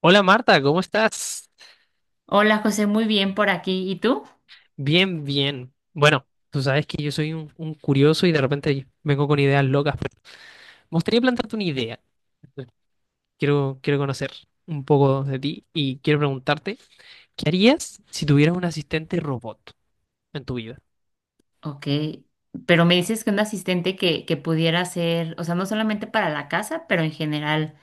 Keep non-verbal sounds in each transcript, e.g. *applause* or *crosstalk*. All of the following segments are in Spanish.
Hola Marta, ¿cómo estás? Hola José, muy bien por aquí. ¿Y tú? Bien, bien. Bueno, tú sabes que yo soy un curioso y de repente vengo con ideas locas, pero me gustaría plantearte una idea. Entonces, quiero conocer un poco de ti y quiero preguntarte, ¿qué harías si tuvieras un asistente robot en tu vida? Ok, pero me dices que un asistente que pudiera ser, o sea, no solamente para la casa, pero en general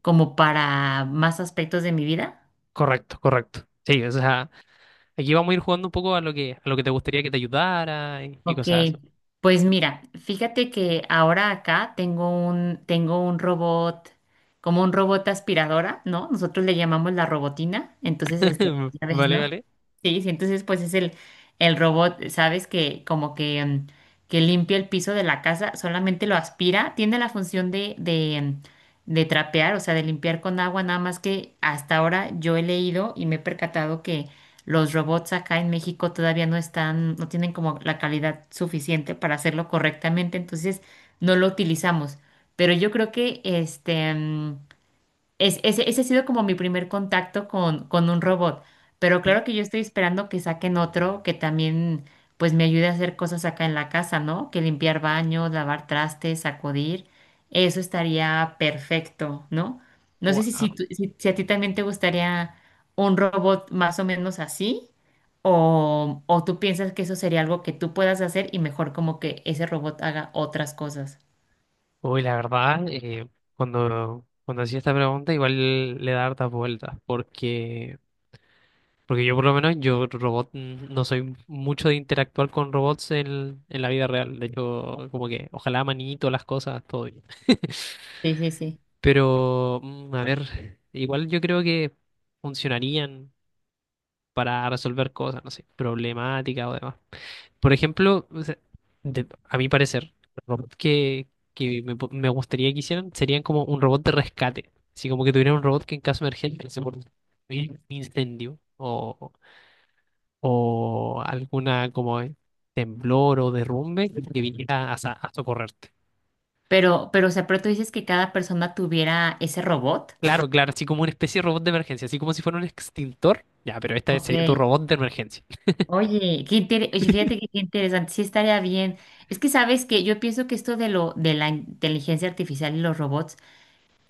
como para más aspectos de mi vida. Correcto, correcto. Sí, o sea, aquí vamos a ir jugando un poco a lo que te gustaría que te ayudara y Ok, cosas así. pues mira, fíjate que ahora acá tengo tengo un robot, como un robot aspiradora, ¿no? Nosotros le llamamos la robotina, entonces, *laughs* ya ves, Vale, ¿no? vale. Sí, sí, entonces pues es el robot, ¿sabes? Que como que, que limpia el piso de la casa, solamente lo aspira, tiene la función de trapear, o sea, de limpiar con agua, nada más que hasta ahora yo he leído y me he percatado los robots acá en México todavía no están, no tienen como la calidad suficiente para hacerlo correctamente, entonces no lo utilizamos. Pero yo creo que este ese ha sido como mi primer contacto con un robot, pero claro que yo estoy esperando que saquen otro que también pues me ayude a hacer cosas acá en la casa, ¿no? Que limpiar baños, lavar trastes, sacudir, eso estaría perfecto, ¿no? No sé si, si, Wow. tú- si, si, a ti también te gustaría un robot más o menos así, o tú piensas que eso sería algo que tú puedas hacer y mejor como que ese robot haga otras cosas. Uy, la verdad, cuando hacía esta pregunta igual le da hartas vueltas, porque, porque yo por lo menos, yo robot no soy mucho de interactuar con robots en la vida real, de hecho, como que ojalá manito las cosas, todo bien. Sí, sí, sí. Pero, a ver, igual yo creo que funcionarían para resolver cosas, no sé, problemáticas o demás. Por ejemplo, o sea, a mi parecer, el robot que me gustaría que hicieran serían como un robot de rescate. Así como que tuvieran un robot que en caso de emergencia, se por un incendio o alguna como temblor o derrumbe, que viniera a socorrerte. O sea, pero tú dices que cada persona tuviera ese robot. Claro, claro, así como una especie de robot de emergencia, así como si fuera un extintor. Ya, pero esta Ok. sería tu robot de emergencia. *laughs* Oye, fíjate que qué interesante, sí estaría bien. Es que sabes que yo pienso que esto de lo de la inteligencia artificial y los robots,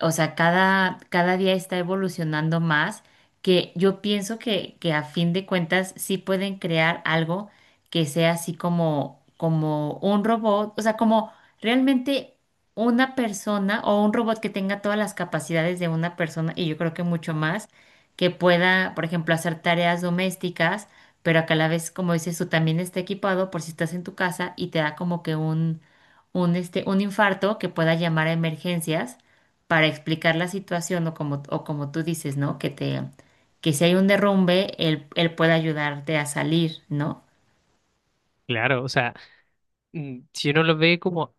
o sea, cada día está evolucionando más, que yo pienso que a fin de cuentas sí pueden crear algo que sea así como, como un robot, o sea, como realmente una persona o un robot que tenga todas las capacidades de una persona y yo creo que mucho más, que pueda, por ejemplo, hacer tareas domésticas pero a que a la vez, como dices tú, también está equipado por si estás en tu casa y te da como que un infarto que pueda llamar a emergencias para explicar la situación o como tú dices, ¿no? Que te, que si hay un derrumbe, él pueda ayudarte a salir, ¿no? Claro, o sea, si uno lo ve como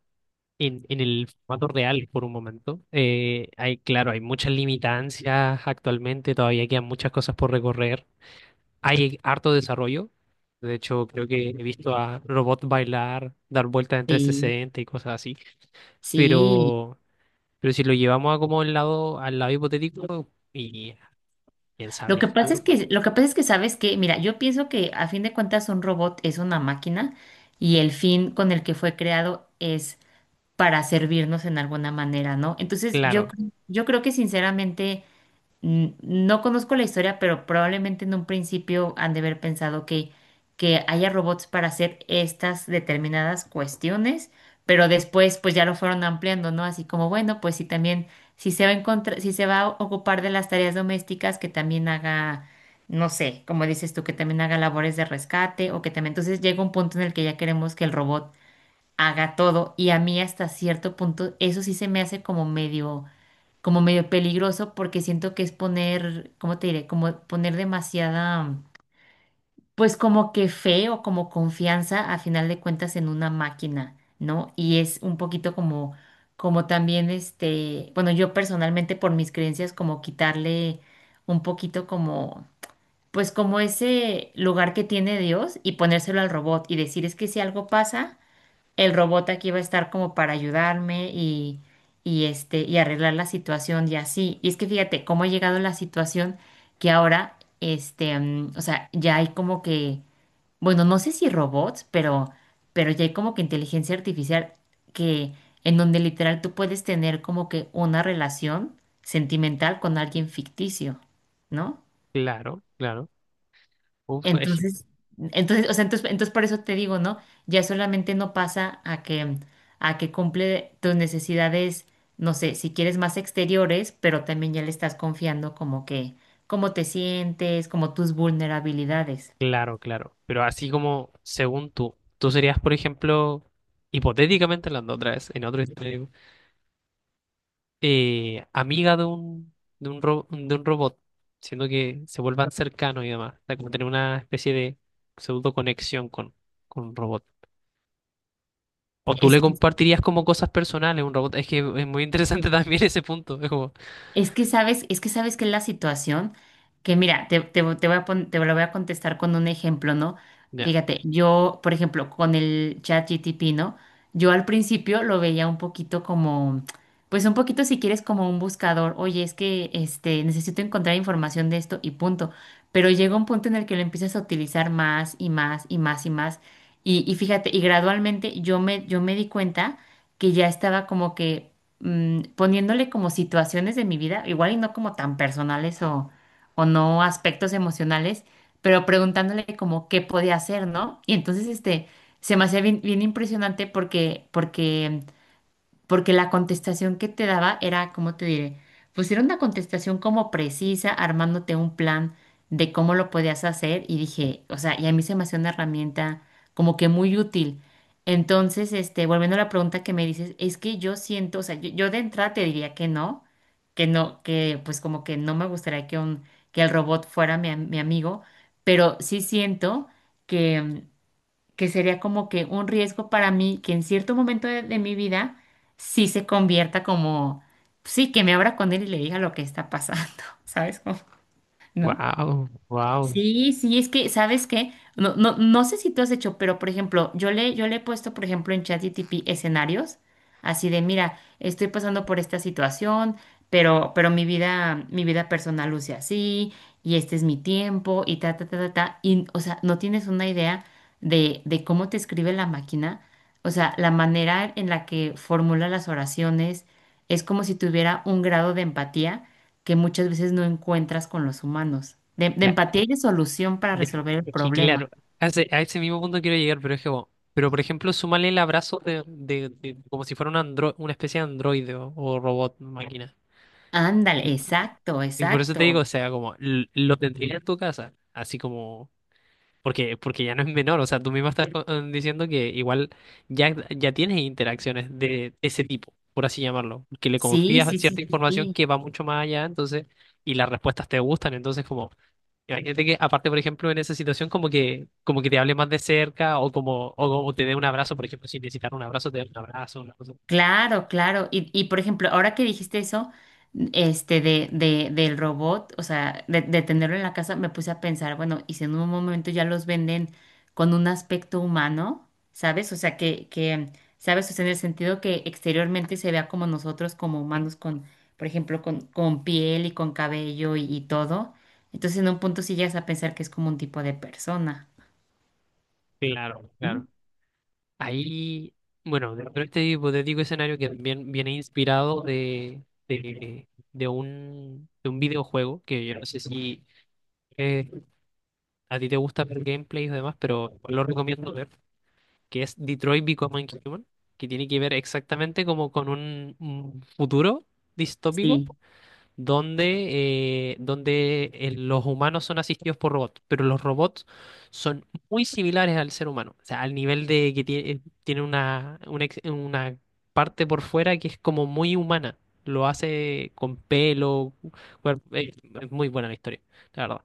en el formato real por un momento. Hay, claro, hay muchas limitancias actualmente, todavía quedan muchas cosas por recorrer. Hay harto desarrollo. De hecho, creo que he visto a robots bailar, dar vueltas en trescientos Sí, sesenta y cosas así. sí. Pero, pero si lo llevamos a como el lado, al lado hipotético, y quién sabe el futuro. Lo que pasa es que sabes que, mira, yo pienso que a fin de cuentas un robot es una máquina y el fin con el que fue creado es para servirnos en alguna manera, ¿no? Entonces, Claro, yo creo que sinceramente, no conozco la historia, pero probablemente en un principio han de haber pensado que haya robots para hacer estas determinadas cuestiones, pero después pues ya lo fueron ampliando, ¿no? Así como, bueno, pues si también, si se va a encontrar, si se va a ocupar de las tareas domésticas, que también haga, no sé, como dices tú, que también haga labores de rescate o que también, entonces llega un punto en el que ya queremos que el robot haga todo. Y a mí hasta cierto punto eso sí se me hace como medio peligroso porque siento que es poner, ¿cómo te diré? Como poner demasiada, pues como que fe o como confianza a final de cuentas en una máquina, ¿no? Y es un poquito como, como también bueno, yo personalmente por mis creencias como quitarle un poquito como... Pues como ese lugar que tiene Dios y ponérselo al robot y decir es que si algo pasa, el robot aquí va a estar como para ayudarme y arreglar la situación y así. Y es que fíjate cómo ha llegado la situación que ahora, o sea, ya hay como que, bueno, no sé si robots, pero ya hay como que inteligencia artificial que, en donde literal tú puedes tener como que una relación sentimental con alguien ficticio, ¿no? claro, claro. Uf, es- Entonces, entonces por eso te digo, ¿no? Ya solamente no pasa a que cumple tus necesidades, no sé, si quieres más exteriores, pero también ya le estás confiando como que, cómo te sientes, como tus vulnerabilidades. claro, claro. Pero así como según tú, tú serías, por ejemplo, hipotéticamente hablando otra vez, en otro escenario amiga de un robot, siendo que se vuelvan cercanos y demás, o sea, como tener una especie de pseudo conexión con un robot. O tú Es le que compartirías como cosas personales a un robot. Es que es muy interesante *laughs* también ese punto. Es como, es que sabes que es la situación que mira, te voy a te lo voy a contestar con un ejemplo, ¿no? ya. Fíjate, yo, por ejemplo, con el chat GTP, ¿no? Yo al principio lo veía un poquito como, pues un poquito si quieres como un buscador, oye, es que este, necesito encontrar información de esto y punto. Pero llega un punto en el que lo empiezas a utilizar más y más y más y más. Y fíjate, y gradualmente yo me di cuenta que ya estaba como que poniéndole como situaciones de mi vida, igual y no como tan personales o no aspectos emocionales, pero preguntándole como qué podía hacer, ¿no? Y entonces, este, se me hacía bien, bien impresionante porque porque la contestación que te daba era, ¿cómo te diré? Pues era una contestación como precisa, armándote un plan de cómo lo podías hacer y dije, o sea, y a mí se me hacía una herramienta como que muy útil. Entonces, este, volviendo a la pregunta que me dices, es que yo siento, o sea, yo de entrada te diría que no, que no, que pues como que no me gustaría que un, que el robot fuera mi, mi amigo, pero sí siento que sería como que un riesgo para mí que en cierto momento de mi vida sí se convierta como, sí, que me abra con él y le diga lo que está pasando, *laughs* ¿sabes? Como, ¿no? Wow, wow. Sí, sí, es que, ¿sabes qué? No, no, no sé si tú has hecho, pero por ejemplo, yo le he puesto, por ejemplo, en ChatGPT escenarios, así de, mira, estoy pasando por esta situación, pero mi vida personal luce así, y este es mi tiempo, y ta, ta, ta, ta, ta. Y, o sea, no tienes una idea de cómo te escribe la máquina, o sea, la manera en la que formula las oraciones, es como si tuviera un grado de empatía que muchas veces no encuentras con los humanos, de Ya, empatía y de solución para ya. resolver el Es que claro, problema. A ese mismo punto quiero llegar, pero es que, bueno, pero por ejemplo, súmale el abrazo como si fuera un andro, una especie de androide o robot, máquina. Ándale, exacto, Y por eso te digo, exacto. o sea, como lo tendrías en tu casa, así como, porque, porque ya no es menor, o sea, tú mismo estás diciendo que igual ya tienes interacciones de ese tipo, por así llamarlo, que le Sí, confías sí, sí, cierta sí. información Sí. que va mucho más allá, entonces, y las respuestas te gustan, entonces como, imagínate que aparte, por ejemplo, en esa situación como que te hable más de cerca o como, o te dé un abrazo, por ejemplo, si necesitas un abrazo, te dé un abrazo, una cosa. Claro, claro. Y por ejemplo, ahora que dijiste eso, del robot, o sea, de tenerlo en la casa, me puse a pensar, bueno, y si en un momento ya los venden con un aspecto humano, ¿sabes? ¿Sabes? O sea, en el sentido que exteriormente se vea como nosotros, como Así. humanos, con, por ejemplo, con piel y con cabello y todo. Entonces, en un punto sí llegas a pensar que es como un tipo de persona. Claro, ¿No? claro. Ahí, bueno, dentro de este hipotético escenario que también viene inspirado de, de un videojuego, que yo no sé si eh, a ti te gusta ver gameplays o demás, pero lo recomiendo ver, que es Detroit Become Human, que tiene que ver exactamente como con un futuro distópico, Sí. donde, donde los humanos son asistidos por robots, pero los robots son muy similares al ser humano, o sea, al nivel de que tiene, tiene una parte por fuera que es como muy humana, lo hace con pelo, cuerp- eh, es muy buena la historia, la verdad.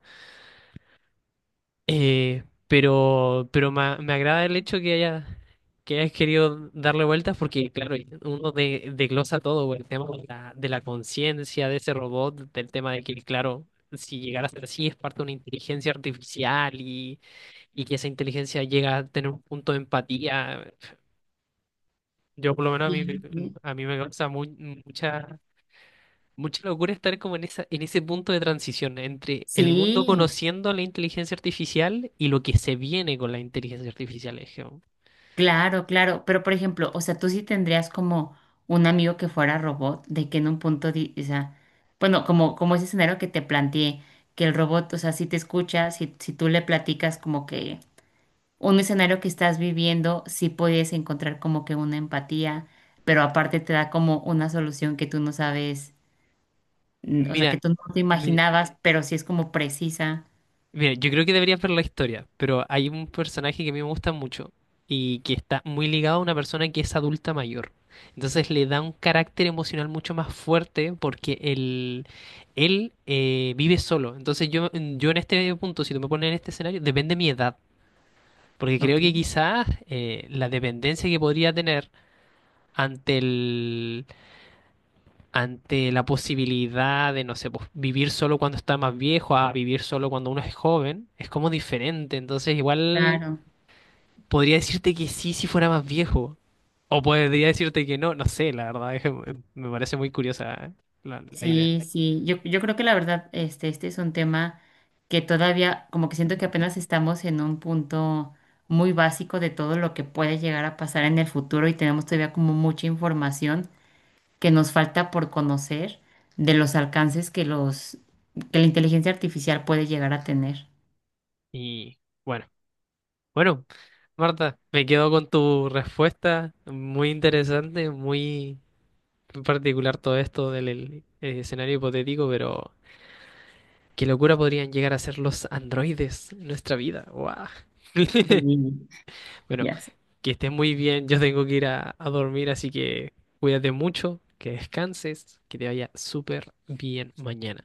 Pero me agrada el hecho que haya, que hayas querido darle vueltas porque, claro, uno de, desglosa todo, güey, el tema de de la conciencia de ese robot, del tema de que, claro, si llegara a ser así es parte de una inteligencia artificial y que esa inteligencia llega a tener un punto de empatía. Yo, por lo menos, Sí. Sí. a mí me causa muy, mucha mucha locura estar como en en ese punto de transición entre el mundo Sí. conociendo la inteligencia artificial y lo que se viene con la inteligencia artificial. Es como, Claro, claro, pero por ejemplo, o sea, tú sí tendrías como un amigo que fuera robot, de que en un punto, o sea, bueno, como, como ese escenario que te planteé, que el robot, o sea, si te escucha, si, si tú le platicas como que un escenario que estás viviendo, sí puedes encontrar como que una empatía, pero aparte te da como una solución que tú no sabes, mm, o sea, Mira, que tú no te mi- imaginabas, pero sí es como precisa. mira, yo creo que deberías ver la historia, pero hay un personaje que a mí me gusta mucho y que está muy ligado a una persona que es adulta mayor. Entonces le da un carácter emocional mucho más fuerte porque él, él vive solo. Entonces yo en este punto, si tú me pones en este escenario, depende de mi edad. Porque creo Ok, que quizás la dependencia que podría tener ante el, ante la posibilidad de, no sé, pues, vivir solo cuando está más viejo a vivir solo cuando uno es joven, es como diferente. Entonces, igual claro. podría decirte que sí si fuera más viejo. O podría decirte que no, no sé, la verdad, es que me parece muy curiosa la idea. Sí, sí, yo creo que la verdad, este es un tema que todavía, como que siento que apenas estamos en un punto muy básico de todo lo que puede llegar a pasar en el futuro y tenemos todavía como mucha información que nos falta por conocer de los alcances que la inteligencia artificial puede llegar a tener. Y bueno, bueno, Marta, me quedo con tu respuesta, muy interesante, muy particular todo esto del el escenario hipotético, pero qué locura podrían llegar a ser los androides en nuestra vida. ¡Guau! *laughs* Sí, Bueno, ya sé. que estés muy bien. Yo tengo que ir a dormir, así que cuídate mucho, que descanses, que te vaya súper bien mañana.